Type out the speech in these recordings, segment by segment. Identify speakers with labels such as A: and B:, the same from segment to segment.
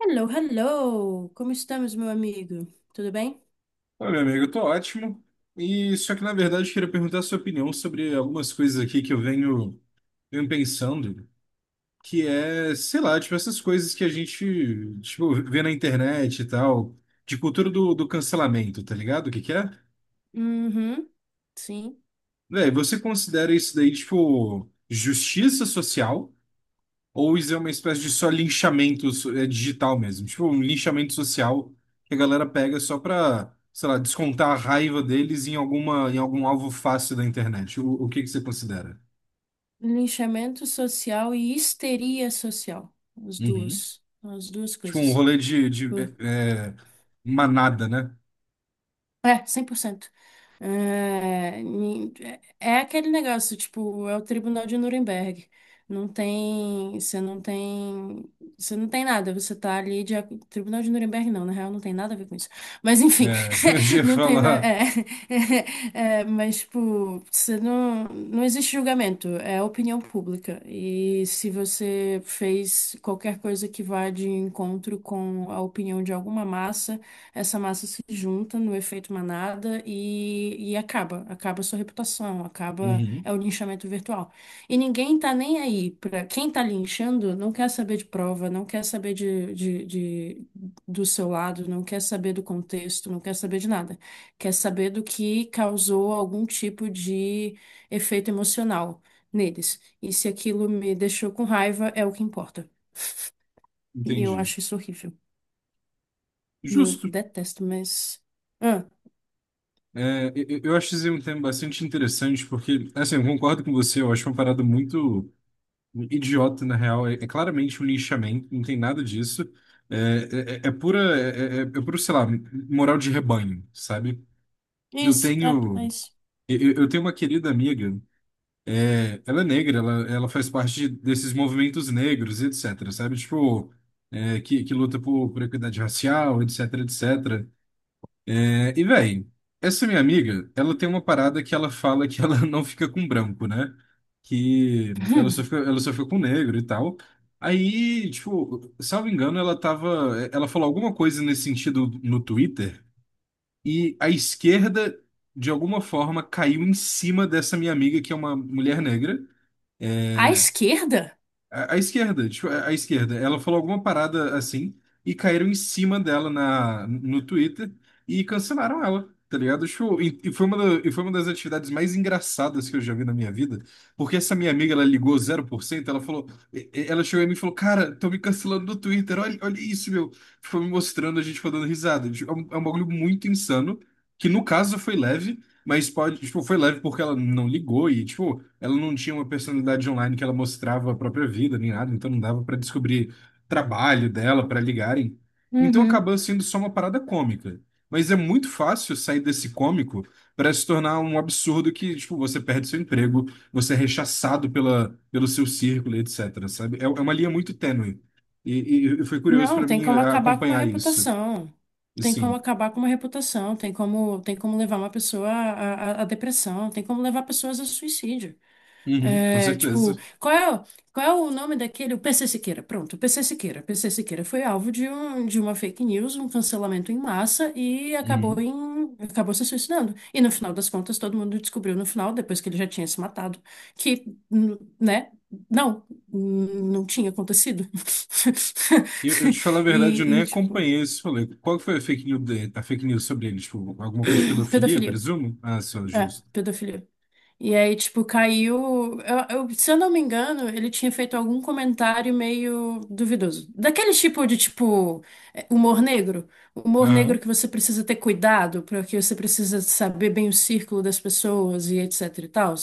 A: Hello, hello! Como estamos, meu amigo? Tudo bem?
B: Olha meu amigo, eu tô ótimo. E só que na verdade eu queria perguntar a sua opinião sobre algumas coisas aqui que eu venho pensando, que é, sei lá, tipo essas coisas que a gente, tipo, vê na internet e tal, de cultura do cancelamento, tá ligado? O que que é?
A: Uhum, sim.
B: Véi, você considera isso daí, tipo, justiça social? Ou isso é uma espécie de só linchamento digital mesmo. Tipo, um linchamento social que a galera pega só pra, sei lá, descontar a raiva deles em alguma, em algum alvo fácil da internet. O que que você considera?
A: Linchamento social e histeria social. As
B: Uhum.
A: duas. As duas
B: Tipo, um
A: coisas.
B: rolê de
A: Por-
B: é, é, manada, né?
A: É, 100%. É, ni- É aquele negócio, tipo, é o Tribunal de Nuremberg. Não tem, você não tem, você não tem nada, você tá ali Tribunal de Nuremberg não, na real não tem nada a ver com isso. Mas enfim,
B: É, eu já ia
A: não tem nada,
B: falar.
A: mas tipo, você não, não existe julgamento, é opinião pública. E se você fez qualquer coisa que vá de encontro com a opinião de alguma massa, essa massa se junta no efeito manada e acaba a sua reputação, acaba,
B: Uhum.
A: é o linchamento virtual. E ninguém tá nem aí, para quem tá linchando não quer saber de prova, não quer saber do seu lado, não quer saber do contexto, não quer saber de nada. Quer saber do que causou algum tipo de efeito emocional neles. E se aquilo me deixou com raiva, é o que importa. E eu
B: Entendi.
A: acho isso horrível. Eu
B: Justo.
A: detesto, mas.
B: É, eu acho esse um tema bastante interessante, porque, assim, eu concordo com você, eu acho uma parada muito. Um idiota, na real. É claramente um lixamento, não tem nada disso. É pura, é puro, sei lá, moral de rebanho, sabe? Eu
A: Isso, é
B: tenho,
A: isso.
B: eu tenho uma querida amiga, ela é negra, ela faz parte desses movimentos negros, etc, sabe? Tipo, que luta por equidade racial, etc, etc. É, e, véi, essa minha amiga, ela tem uma parada que ela fala que ela não fica com branco, né? Que ela só
A: Hum.
B: fica, ela só fica com negro e tal. Aí, tipo, salvo engano, ela falou alguma coisa nesse sentido no Twitter e a esquerda, de alguma forma, caiu em cima dessa minha amiga, que é uma mulher negra.
A: À
B: É,
A: esquerda?
B: a esquerda, tipo, a esquerda, ela falou alguma parada assim e caíram em cima dela no Twitter e cancelaram ela, tá ligado? Tipo, e foi uma das atividades mais engraçadas que eu já vi na minha vida, porque essa minha amiga, ela ligou 0% ela falou, ela chegou em mim e falou, cara, tô me cancelando do Twitter, olha, olha isso, meu. Foi me mostrando, a gente foi dando risada. Tipo, é um bagulho muito insano, que no caso foi leve, mas pode, tipo, foi leve porque ela não ligou e, tipo, ela não tinha uma personalidade online que ela mostrava a própria vida nem nada, então não dava pra descobrir trabalho dela pra ligarem. Então
A: Uhum.
B: acabou sendo só uma parada cômica. Mas é muito fácil sair desse cômico pra se tornar um absurdo que, tipo, você perde seu emprego, você é rechaçado pela, pelo seu círculo, e etc, sabe? É uma linha muito tênue. E foi curioso
A: Não,
B: pra
A: tem
B: mim
A: como acabar com uma
B: acompanhar isso.
A: reputação.
B: E
A: Tem como
B: sim.
A: acabar com uma reputação. Tem como levar uma pessoa à depressão. Tem como levar pessoas a suicídio.
B: Uhum, com
A: É, tipo,
B: certeza.
A: qual é o nome daquele? O P C Siqueira. Pronto, o P C Siqueira. P C Siqueira foi alvo de uma fake news, um cancelamento em massa e
B: Uhum.
A: acabou se suicidando. E no final das contas, todo mundo descobriu no final, depois que ele já tinha se matado, que, né? Não, não tinha acontecido.
B: Eu te falar a verdade, eu
A: E,
B: nem
A: e, tipo,
B: acompanhei esse rolê. Qual que foi a fake news, a fake news sobre ele? Tipo, alguma coisa de pedofilia,
A: pedofilia.
B: presumo? Ah, só,
A: É,
B: justo.
A: pedofilia. E aí, tipo, caiu. Se eu não me engano, ele tinha feito algum comentário meio duvidoso. Daquele tipo de, tipo, humor negro. Humor negro
B: Aham,
A: que você precisa ter cuidado, porque você precisa saber bem o círculo das pessoas e etc e tal.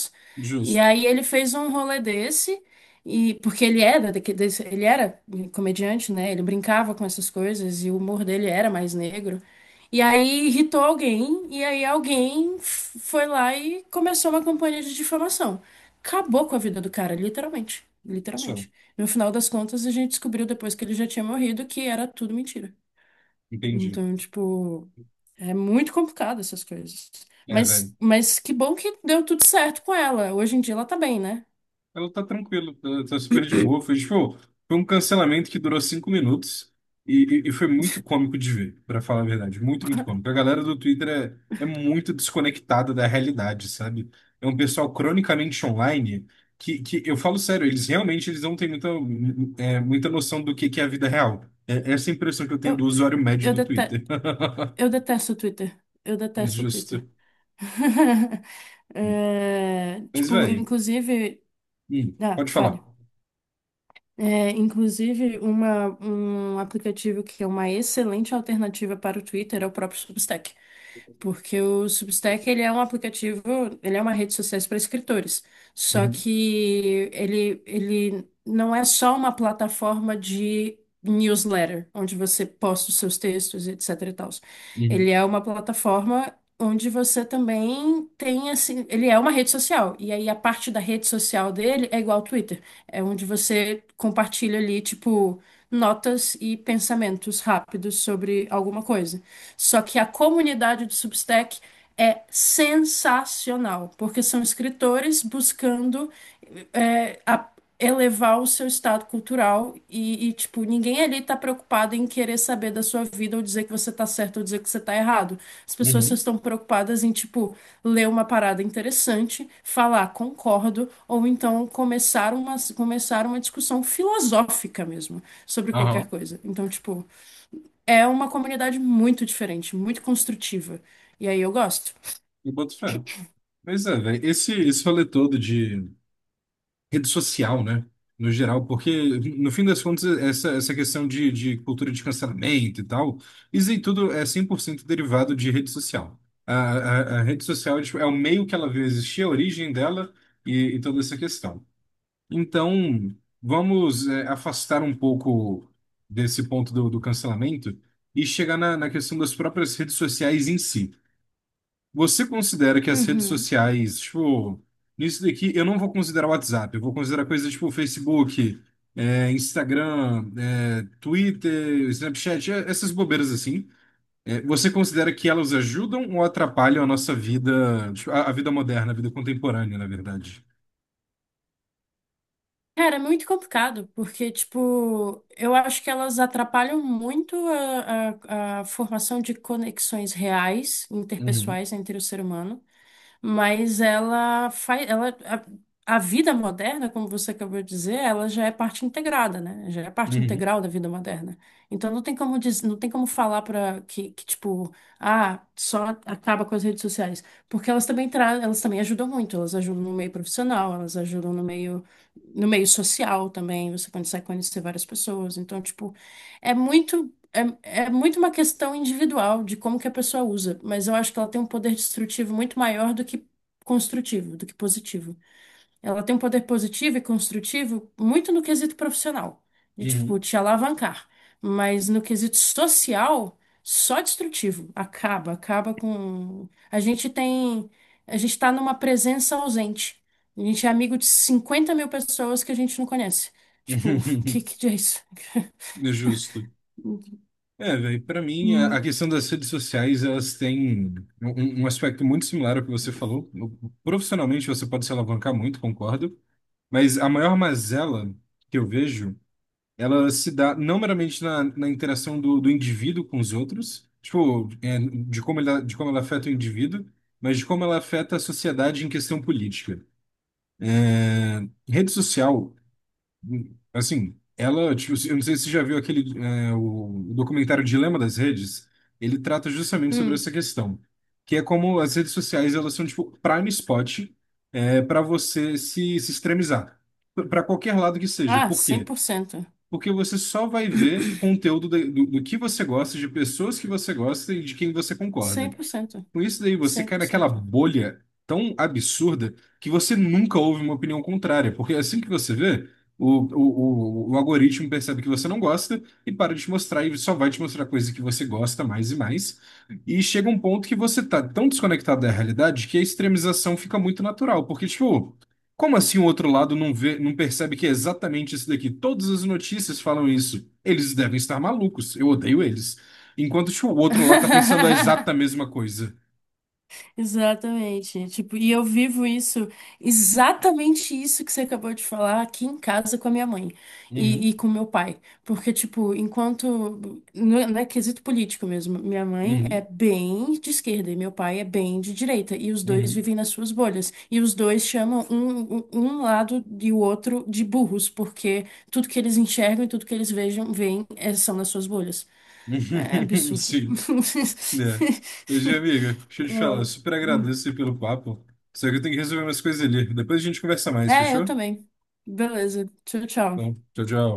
A: E
B: justo.
A: aí ele fez um rolê desse, e porque ele era, ele era comediante, né? Ele brincava com essas coisas e o humor dele era mais negro. E aí irritou alguém, e aí alguém foi lá e começou uma campanha de difamação. Acabou com a vida do cara, literalmente.
B: Só,
A: Literalmente. No final das contas, a gente descobriu depois que ele já tinha morrido que era tudo mentira.
B: entendi.
A: Então, tipo, é muito complicado essas coisas.
B: É, velho.
A: Mas que bom que deu tudo certo com ela. Hoje em dia ela tá bem, né?
B: Ela tá tranquila, tá super de boa. Foi, tipo, foi um cancelamento que durou 5 minutos e foi muito cômico de ver, pra falar a verdade. Muito, muito cômico. A galera do Twitter é muito desconectada da realidade, sabe? É um pessoal cronicamente online que eu falo sério, eles realmente eles não têm muita noção do que é a vida real. É, essa é a impressão que eu tenho
A: Eu,
B: do usuário médio
A: eu,
B: do
A: dete-
B: Twitter.
A: eu detesto o Twitter. Eu detesto o
B: Justo.
A: Twitter. É,
B: Mas,
A: tipo,
B: velho,
A: inclusive. Ah,
B: pode
A: fale.
B: falar.
A: É, inclusive, um aplicativo que é uma excelente alternativa para o Twitter é o próprio Substack. Porque o Substack, ele é um aplicativo, ele é uma rede social para escritores. Só
B: Uhum,
A: que ele não é só uma plataforma de newsletter, onde você posta os seus textos, etc e tals. Ele
B: uhum,
A: é uma plataforma onde você também tem, assim, ele é uma rede social. E aí a parte da rede social dele é igual ao Twitter. É onde você compartilha ali, tipo, notas e pensamentos rápidos sobre alguma coisa. Só que a comunidade do Substack é sensacional, porque são escritores buscando é, a- elevar o seu estado cultural e, tipo, ninguém ali tá preocupado em querer saber da sua vida ou dizer que você tá certo ou dizer que você tá errado. As pessoas só
B: uhum.
A: estão preocupadas em, tipo, ler uma parada interessante, falar concordo, ou então começar uma discussão filosófica mesmo sobre qualquer
B: Aham.
A: coisa. Então, tipo, é uma comunidade muito diferente, muito construtiva. E aí eu gosto.
B: Eu boto fé. Pois é, velho. Esse rolê todo de rede social, né? No geral, porque, no fim das contas, essa questão de cultura de cancelamento e tal, isso em tudo é 100% derivado de rede social. A rede social, tipo, é o meio que ela veio existir, a origem dela e toda essa questão. Então, vamos, afastar um pouco desse ponto do cancelamento e chegar na questão das próprias redes sociais em si. Você considera que as redes
A: Uhum.
B: sociais, tipo, nisso daqui eu não vou considerar o WhatsApp, eu vou considerar coisas tipo Facebook, Instagram, Twitter, Snapchat, essas bobeiras assim. É, você considera que elas ajudam ou atrapalham a nossa vida, tipo, a vida moderna, a vida contemporânea, na verdade?
A: Cara, é muito complicado, porque, tipo, eu acho que elas atrapalham muito a, formação de conexões reais,
B: Uhum,
A: interpessoais entre o ser humano. Mas ela faz, a vida moderna, como você acabou de dizer, ela já é parte integrada, né? Já é parte
B: uhum,
A: integral da vida moderna. Então não tem não tem como falar para que, que tipo, ah, só acaba com as redes sociais, porque elas também ajudam muito, elas ajudam no meio profissional, elas ajudam no meio social também, você consegue conhecer várias pessoas. Então, tipo, é muito é, é muito uma questão individual de como que a pessoa usa, mas eu acho que ela tem um poder destrutivo muito maior do que construtivo, do que positivo. Ela tem um poder positivo e construtivo muito no quesito profissional, de tipo
B: uhum,
A: te alavancar, mas no quesito social, só destrutivo. Acaba com. A gente tá numa presença ausente. A gente é amigo de 50 mil pessoas que a gente não conhece. Tipo, o que
B: uhum.
A: que é isso?
B: É justo. É, velho, pra mim, a
A: Hum,
B: questão das redes sociais, elas têm um aspecto muito similar ao que você falou. Profissionalmente, você pode se alavancar muito, concordo, mas a maior mazela que eu vejo, ela se dá não meramente na interação do indivíduo com os outros, tipo, de como ela afeta o indivíduo, mas de como ela afeta a sociedade em questão política. Rede social, assim, ela, tipo, eu não sei se você já viu aquele, o documentário Dilema das Redes, ele trata justamente sobre
A: hum.
B: essa questão, que é como as redes sociais, elas são, tipo, prime spot, para você se extremizar, para qualquer lado que seja.
A: Ah,
B: Por
A: cem
B: quê?
A: por cento,
B: Porque você só vai ver conteúdo do que você gosta, de pessoas que você gosta e de quem você
A: cem
B: concorda.
A: por cento,
B: Com isso daí, você
A: cem
B: cai
A: por
B: naquela
A: cento.
B: bolha tão absurda que você nunca ouve uma opinião contrária, porque assim que você vê, o algoritmo percebe que você não gosta e para de te mostrar e só vai te mostrar coisa que você gosta mais e mais. E chega um ponto que você tá tão desconectado da realidade que a extremização fica muito natural, porque, tipo, como assim o outro lado não vê, não percebe que é exatamente isso daqui? Todas as notícias falam isso. Eles devem estar malucos, eu odeio eles. Enquanto, tipo, o outro lá tá pensando a exata mesma coisa.
A: Exatamente. Tipo, e eu vivo isso, exatamente isso que você acabou de falar aqui em casa com a minha mãe
B: Uhum,
A: e com meu pai. Porque, tipo, enquanto. Não é quesito político mesmo. Minha mãe é
B: uhum,
A: bem de esquerda e meu pai é bem de direita. E os dois
B: uhum.
A: vivem nas suas bolhas. E os dois chamam um lado e o outro de burros, porque tudo que eles enxergam e tudo que eles veem, são nas suas bolhas. É absurdo.
B: Sim, né? Mas, minha amiga, deixa eu te falar, super
A: É.
B: agradeço aí pelo papo. Só que eu tenho que resolver umas coisas ali. Depois a gente conversa mais,
A: É, eu
B: fechou?
A: também. Beleza. Tchau, tchau.
B: Então, tchau, tchau.